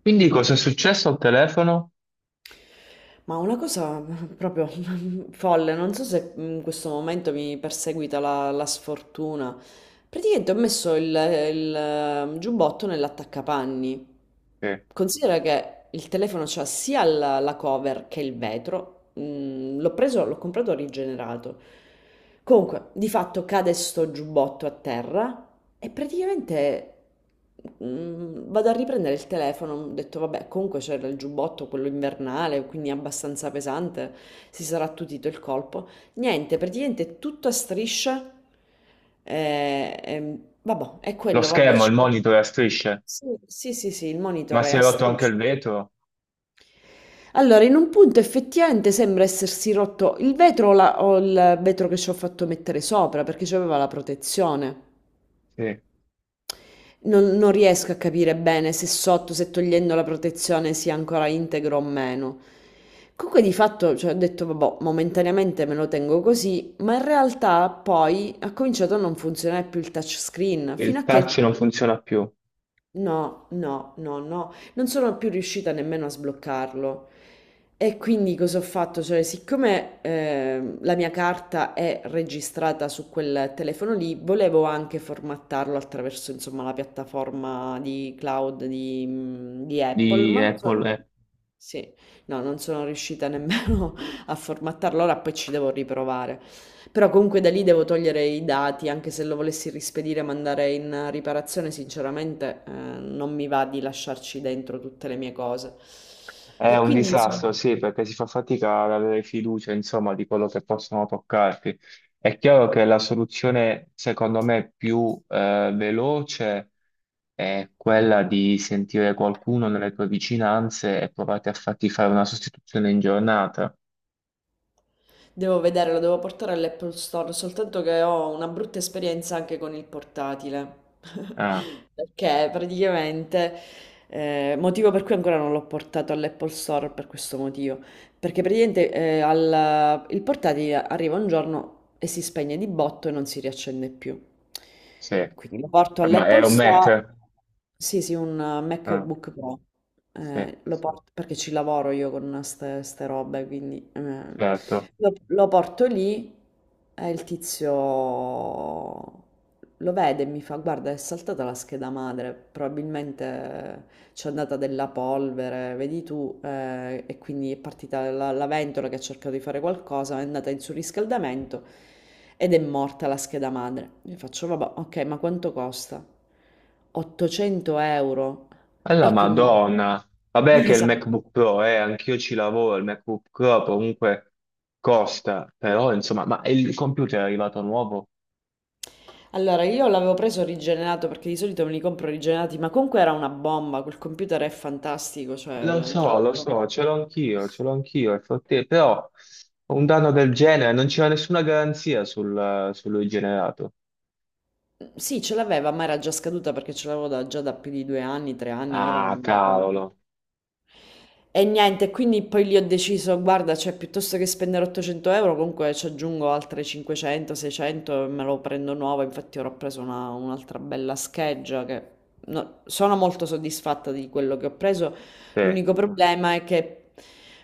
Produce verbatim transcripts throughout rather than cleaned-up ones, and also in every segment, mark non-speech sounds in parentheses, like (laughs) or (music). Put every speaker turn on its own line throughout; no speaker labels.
Quindi cosa è successo al telefono?
Ma una cosa proprio (laughs) folle, non so se in questo momento mi perseguita la, la sfortuna. Praticamente ho messo il, il eh, giubbotto nell'attaccapanni.
Sì.
Considera che il telefono c'ha sia la, la cover che il vetro. Mm, l'ho preso, l'ho comprato rigenerato. Comunque, di fatto cade sto giubbotto a terra. E praticamente mm, vado a riprendere il telefono, ho detto vabbè, comunque c'era il giubbotto, quello invernale, quindi abbastanza pesante, si sarà attutito il colpo. Niente, praticamente tutto a strisce. Eh, ehm, vabbè, è
Lo
quello, vabbè,
schermo, il
ci può.
monitor, la strisce,
Sì, sì, sì, sì, il
ma
monitor è
si è
a
rotto anche
strisce.
il vetro?
Allora, in un punto effettivamente sembra essersi rotto il vetro o, la- o il vetro che ci ho fatto mettere sopra perché c'aveva la protezione.
Sì.
Non, non riesco a capire bene se sotto, se togliendo la protezione sia ancora integro o meno. Comunque di fatto, cioè, ho detto, vabbè, momentaneamente me lo tengo così, ma in realtà poi ha cominciato a non funzionare più il touchscreen, fino
Il
a che
touch non funziona più
no, no, no, no, non sono più riuscita nemmeno a sbloccarlo. E quindi cosa ho fatto? Cioè, siccome ehm, la mia carta è registrata su quel telefono lì, volevo anche formattarlo attraverso, insomma, la piattaforma di cloud di, mhmm, di Apple,
di
ma non
Apple.
so.
eh.
Sì, no, non sono riuscita nemmeno (laughs) a formattarlo, ora poi ci devo riprovare. Però comunque da lì devo togliere i dati, anche se lo volessi rispedire e mandare in riparazione, sinceramente, eh, non mi va di lasciarci dentro tutte le mie cose.
È
E
un
quindi,
disastro,
insomma,
sì, perché si fa fatica ad avere fiducia, insomma, di quello che possono toccarti. È chiaro che la soluzione, secondo me, più eh, veloce è quella di sentire qualcuno nelle tue vicinanze e provate a farti fare una sostituzione in giornata.
devo vedere, lo devo portare all'Apple Store, soltanto che ho una brutta esperienza anche con il portatile.
Ah.
(laughs) Perché praticamente, eh, motivo per cui ancora non l'ho portato all'Apple Store per questo motivo. Perché praticamente eh, al- il portatile arriva un giorno e si spegne di botto e non si riaccende più.
Sì,
Quindi lo porto
ma è
all'Apple
un
Store,
Mac?
sì, sì, un eh,
Ah,
MacBook Pro.
sì,
Eh, lo porto perché ci lavoro io con ste, ste robe, quindi eh,
certo.
lo, lo porto lì e il tizio lo vede e mi fa: Guarda, è saltata la scheda madre, probabilmente c'è andata della polvere, vedi tu, ehm, e quindi è partita la la ventola che ha cercato di fare qualcosa, è andata in surriscaldamento ed è morta la scheda madre. Gli faccio, vabbè, ok, ma quanto costa? ottocento euro.
Alla
E quindi,
Madonna.
(laughs)
Vabbè
mm,
che il
esatto.
MacBook Pro, eh, anch'io ci lavoro, il MacBook Pro comunque costa, però insomma, ma il computer è arrivato nuovo?
Allora, io l'avevo preso rigenerato perché di solito me li compro rigenerati, ma comunque era una bomba, quel computer è fantastico,
Lo
cioè, tra
so, lo
l'altro...
so, ce l'ho anch'io, ce l'ho anch'io, è forte, però un danno del genere, non c'era nessuna garanzia sul, su lui generato.
Sì, ce l'aveva, ma era già scaduta perché ce l'avevo da- già da più di due anni, tre anni, ora non
Ah,
mi ricordo.
cavolo.
E niente, quindi poi lì ho deciso, guarda, cioè piuttosto che spendere ottocento euro, comunque ci aggiungo altre cinquecento, seicento e me lo prendo nuovo. Infatti ora ho preso una- un'altra bella scheggia che no- sono molto soddisfatta di quello che ho preso.
Sì,
L'unico problema è che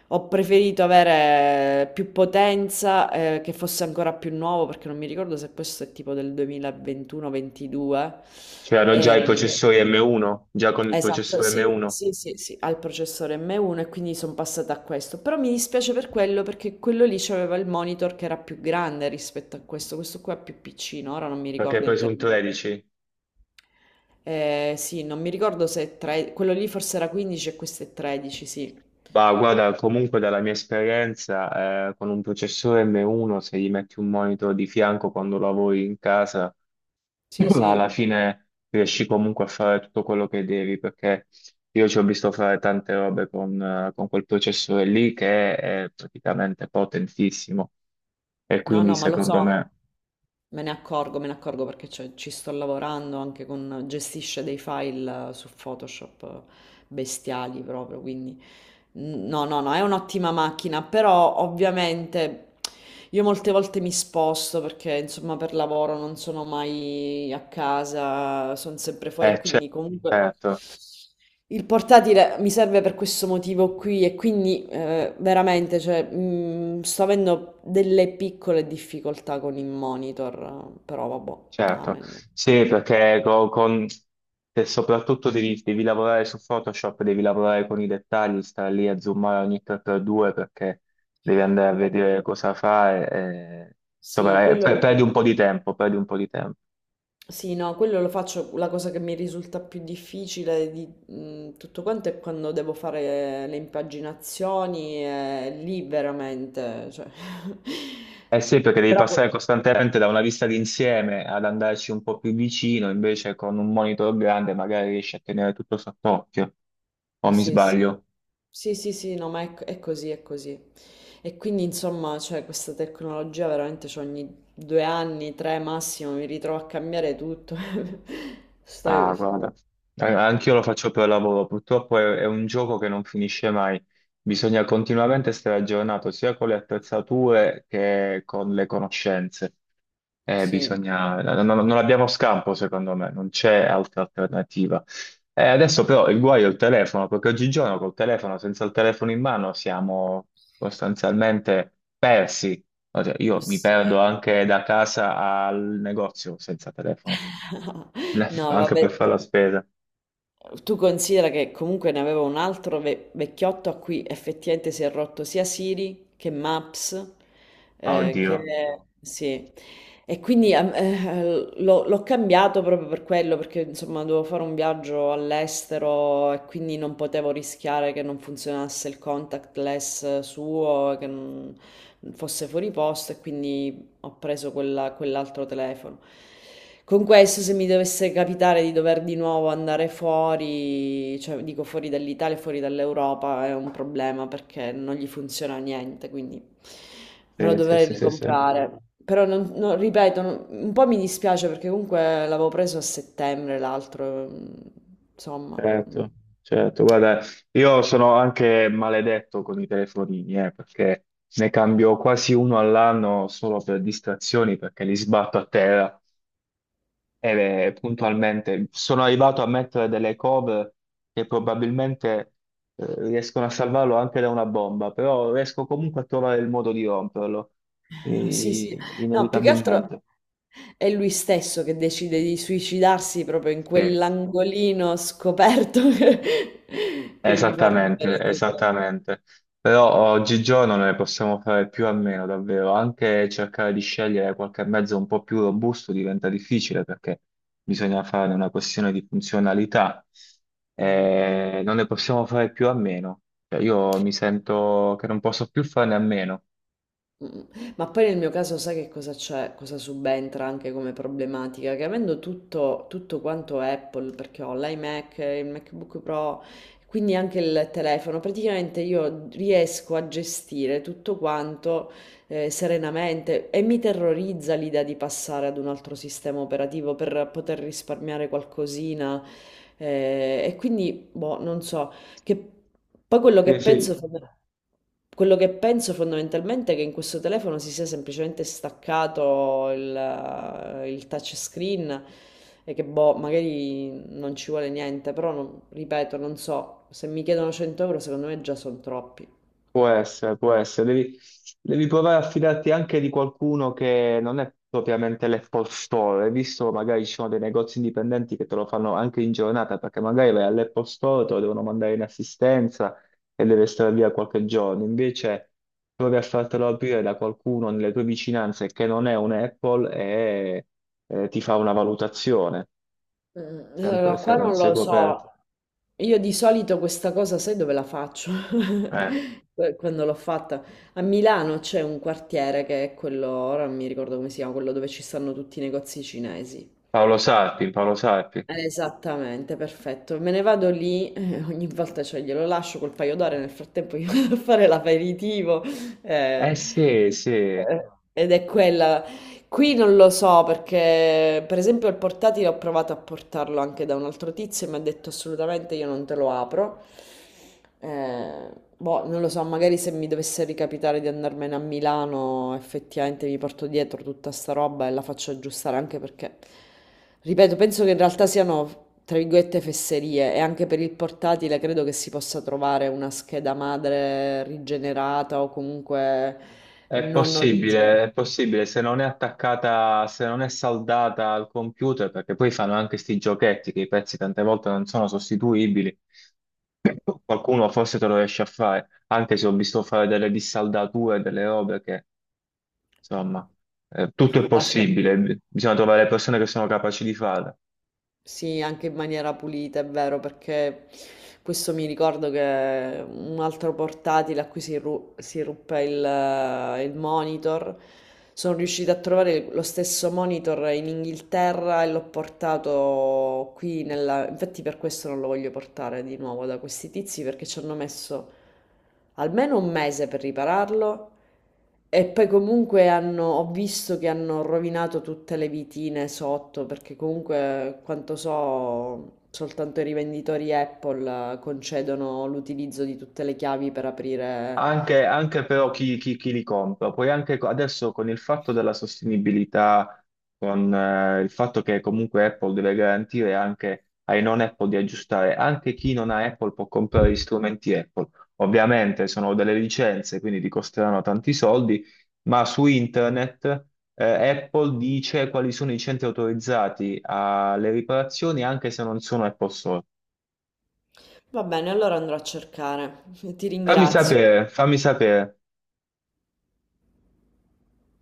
ho preferito avere più potenza, eh, che fosse ancora più nuovo, perché non mi ricordo se questo è tipo del duemilaventuno-ventidue.
c'erano già i
E...
processori M uno, già con il
esatto,
processore
sì,
M uno,
sì, sì, sì, al processore M uno e quindi sono passata a questo. Però mi dispiace per quello perché quello lì c'aveva il monitor che era più grande rispetto a questo, questo qua è più piccino, ora non mi
perché hai
ricordo in
preso un
termini.
tredici.
Eh, sì, non mi ricordo se è tre- quello lì forse era quindici e questo è tredici, sì.
Ma guarda, comunque dalla mia esperienza, eh, con un processore M uno, se gli metti un monitor di fianco quando lavori in casa,
Sì,
(clears throat) ma alla
sì.
fine riesci comunque a fare tutto quello che devi, perché io ci ho visto fare tante robe con, eh, con quel processore lì che è praticamente potentissimo. E
No,
quindi
no, ma lo
secondo
so,
me,
me ne accorgo, me ne accorgo perché c'è- ci sto lavorando anche con, gestisce dei file eh, su Photoshop eh, bestiali proprio, quindi n- no, no, no, è un'ottima macchina, però ovviamente. Io molte volte mi sposto perché insomma per lavoro non sono mai a casa, sono sempre fuori e
eh,
quindi comunque
certo.
il portatile mi serve per questo motivo qui e quindi eh, veramente cioè, mh, sto avendo delle piccole difficoltà con il monitor, però vabbè,
Certo,
amen.
sì, perché co- con, se soprattutto devi, devi lavorare su Photoshop, devi lavorare con i dettagli, stare lì a zoomare ogni tre per due perché devi andare a
Vabbè,
vedere cosa fare, e,
sì,
insomma, eh, per-
quello
perdi un po' di tempo, perdi un po' di tempo.
sì, no, quello lo faccio, la cosa che mi risulta più difficile di mh, tutto quanto è quando devo fare le impaginazioni, e lì veramente, cioè...
Eh sì, perché
(laughs)
devi
Però...
passare
poi-
costantemente da una vista d'insieme ad andarci un po' più vicino, invece con un monitor grande magari riesci a tenere tutto sott'occhio, o mi
sì, sì,
sbaglio?
sì, sì, sì, no, ma è, è così, è così. E quindi, insomma, cioè, questa tecnologia veramente cioè, ogni due anni, tre massimo, mi ritrovo a cambiare tutto. (laughs) Sto...
Ah, guarda. An-
cioè,
Anch'io lo faccio per lavoro, purtroppo è, è un gioco che non finisce mai, bisogna continuamente stare aggiornato sia con le attrezzature che con le conoscenze. Eh,
sì,
bisogna- non, non- non abbiamo scampo, secondo me, non c'è altra alternativa. Eh, adesso però il guaio è il telefono, perché oggigiorno col telefono, senza il telefono in mano, siamo sostanzialmente persi. Cioè, io mi perdo
sì.
anche da casa al negozio senza telefono. Le-
(laughs) No,
Anche
vabbè.
per fare la spesa.
Tu considera che comunque ne avevo un altro ve- vecchiotto a cui effettivamente si è rotto sia Siri che Maps,
Ah,
eh, che
oddio.
sì. E quindi ehm, eh, l'ho l'ho cambiato proprio per quello, perché insomma dovevo fare un viaggio all'estero e quindi non potevo rischiare che non funzionasse il contactless suo, che non fosse fuori posto e quindi ho preso quella- quell'altro telefono. Con questo, se mi dovesse capitare di dover di nuovo andare fuori, cioè dico fuori dall'Italia, fuori dall'Europa, è un problema perché non gli funziona niente, quindi me lo
Sì, sì,
dovrei
sì, sì, sì.
ricomprare. Però, non, non- ripeto, non- un po' mi dispiace perché comunque l'avevo preso a settembre l'altro, mm, insomma. Mm.
Certo, certo. Guarda, io sono anche maledetto con i telefonini, eh, perché ne cambio quasi uno all'anno solo per distrazioni, perché li sbatto a terra e eh, puntualmente sono arrivato a mettere delle cover che probabilmente eh, riescono a salvarlo anche da una bomba, però riesco comunque a trovare il modo di romperlo,
Eh, sì, sì.
eh,
No, più che altro
inevitabilmente.
è lui stesso che decide di suicidarsi proprio in
Sì.
quell'angolino scoperto (laughs) che, che gli fa
Esattamente,
rompere tutto.
esattamente. Però oggigiorno non ne possiamo fare più a meno, davvero. Anche cercare di scegliere qualche mezzo un po' più robusto diventa difficile perché bisogna fare una questione di funzionalità.
Mm.
Eh, non ne possiamo fare più a meno. Cioè, io mi sento che non posso più farne a meno.
Mm. Ma poi nel mio caso sai che cosa c'è, cosa subentra anche come problematica? Che avendo tutto, tutto quanto Apple, perché ho l'iMac, il MacBook Pro, quindi anche il telefono, praticamente io riesco a gestire tutto quanto eh, serenamente e mi terrorizza l'idea di passare ad un altro sistema operativo per poter risparmiare qualcosina. Eh, e quindi, boh, non so. Che poi quello che
Sì,
penso,
sì,
fonda- quello che penso fondamentalmente è che in questo telefono si sia semplicemente staccato il, il touchscreen e che boh, magari non ci vuole niente, però non- ripeto, non so, se mi chiedono cento euro secondo me già sono troppi.
può essere, può essere. Devi, devi provare a fidarti anche di qualcuno che non è propriamente l'Apple Store. Hai visto, magari ci sono dei negozi indipendenti che te lo fanno anche in giornata, perché magari vai all'Apple Store, te lo devono mandare in assistenza e deve stare via qualche giorno. Invece provi a fartelo aprire da qualcuno nelle tue vicinanze che non è un Apple e eh, ti fa una valutazione,
Mm,
sempre
allora,
se
qua
non
non
sei
lo
coperto.
so. Io di solito questa cosa, sai dove la faccio?
Eh,
(laughs) Que- Quando l'ho fatta a Milano c'è un quartiere che è quello, ora non mi ricordo come si chiama, quello dove ci stanno tutti i negozi cinesi.
Paolo Sarpi, Paolo Sarpi.
Eh, Esattamente, perfetto. Me ne vado lì, eh, ogni volta cioè, glielo lascio col paio d'ore, nel frattempo io (laughs) vado a fare l'aperitivo. Eh,
Eh sì, sì.
eh, ed è quella qui non lo so perché, per esempio, il portatile ho provato a portarlo anche da un altro tizio e mi ha detto assolutamente io non te lo apro. Eh, boh, non lo so, magari se mi dovesse ricapitare di andarmene a Milano, effettivamente mi porto dietro tutta sta roba e la faccio aggiustare anche perché, ripeto, penso che in realtà siano, tra virgolette, fesserie e anche per il portatile credo che si possa trovare una scheda madre rigenerata o comunque
È
non origine.
possibile, è possibile, se non è attaccata, se non è saldata al computer, perché poi fanno anche sti giochetti che i pezzi tante volte non sono sostituibili, qualcuno forse te lo riesce a fare, anche se ho visto fare delle dissaldature, delle robe che, insomma, eh, tutto è
(laughs) Lascia...
possibile, bisogna trovare le persone che sono capaci di farlo.
Sì, anche in maniera pulita, è vero, perché questo mi ricordo che un altro portatile a cui si, ru- si ruppe il, il monitor, sono riuscita a trovare lo stesso monitor in Inghilterra e l'ho portato qui nella... Infatti per questo non lo voglio portare di nuovo da questi tizi perché ci hanno messo almeno un mese per ripararlo e poi comunque hanno, ho visto che hanno rovinato tutte le vitine sotto, perché comunque, quanto so, soltanto i rivenditori Apple eh, concedono l'utilizzo di tutte le chiavi per aprire.
Anche, anche però chi, chi- chi li compra, poi anche co- adesso con il fatto della sostenibilità, con eh, il fatto che comunque Apple deve garantire anche ai non Apple di aggiustare, anche chi non ha Apple può comprare gli strumenti Apple. Ovviamente sono delle licenze, quindi ti costeranno tanti soldi, ma su internet eh, Apple dice quali sono i centri autorizzati alle riparazioni anche se non sono Apple Store.
Va bene, allora andrò a cercare. (laughs) Ti
Fammi
ringrazio.
sapere, fammi sapere.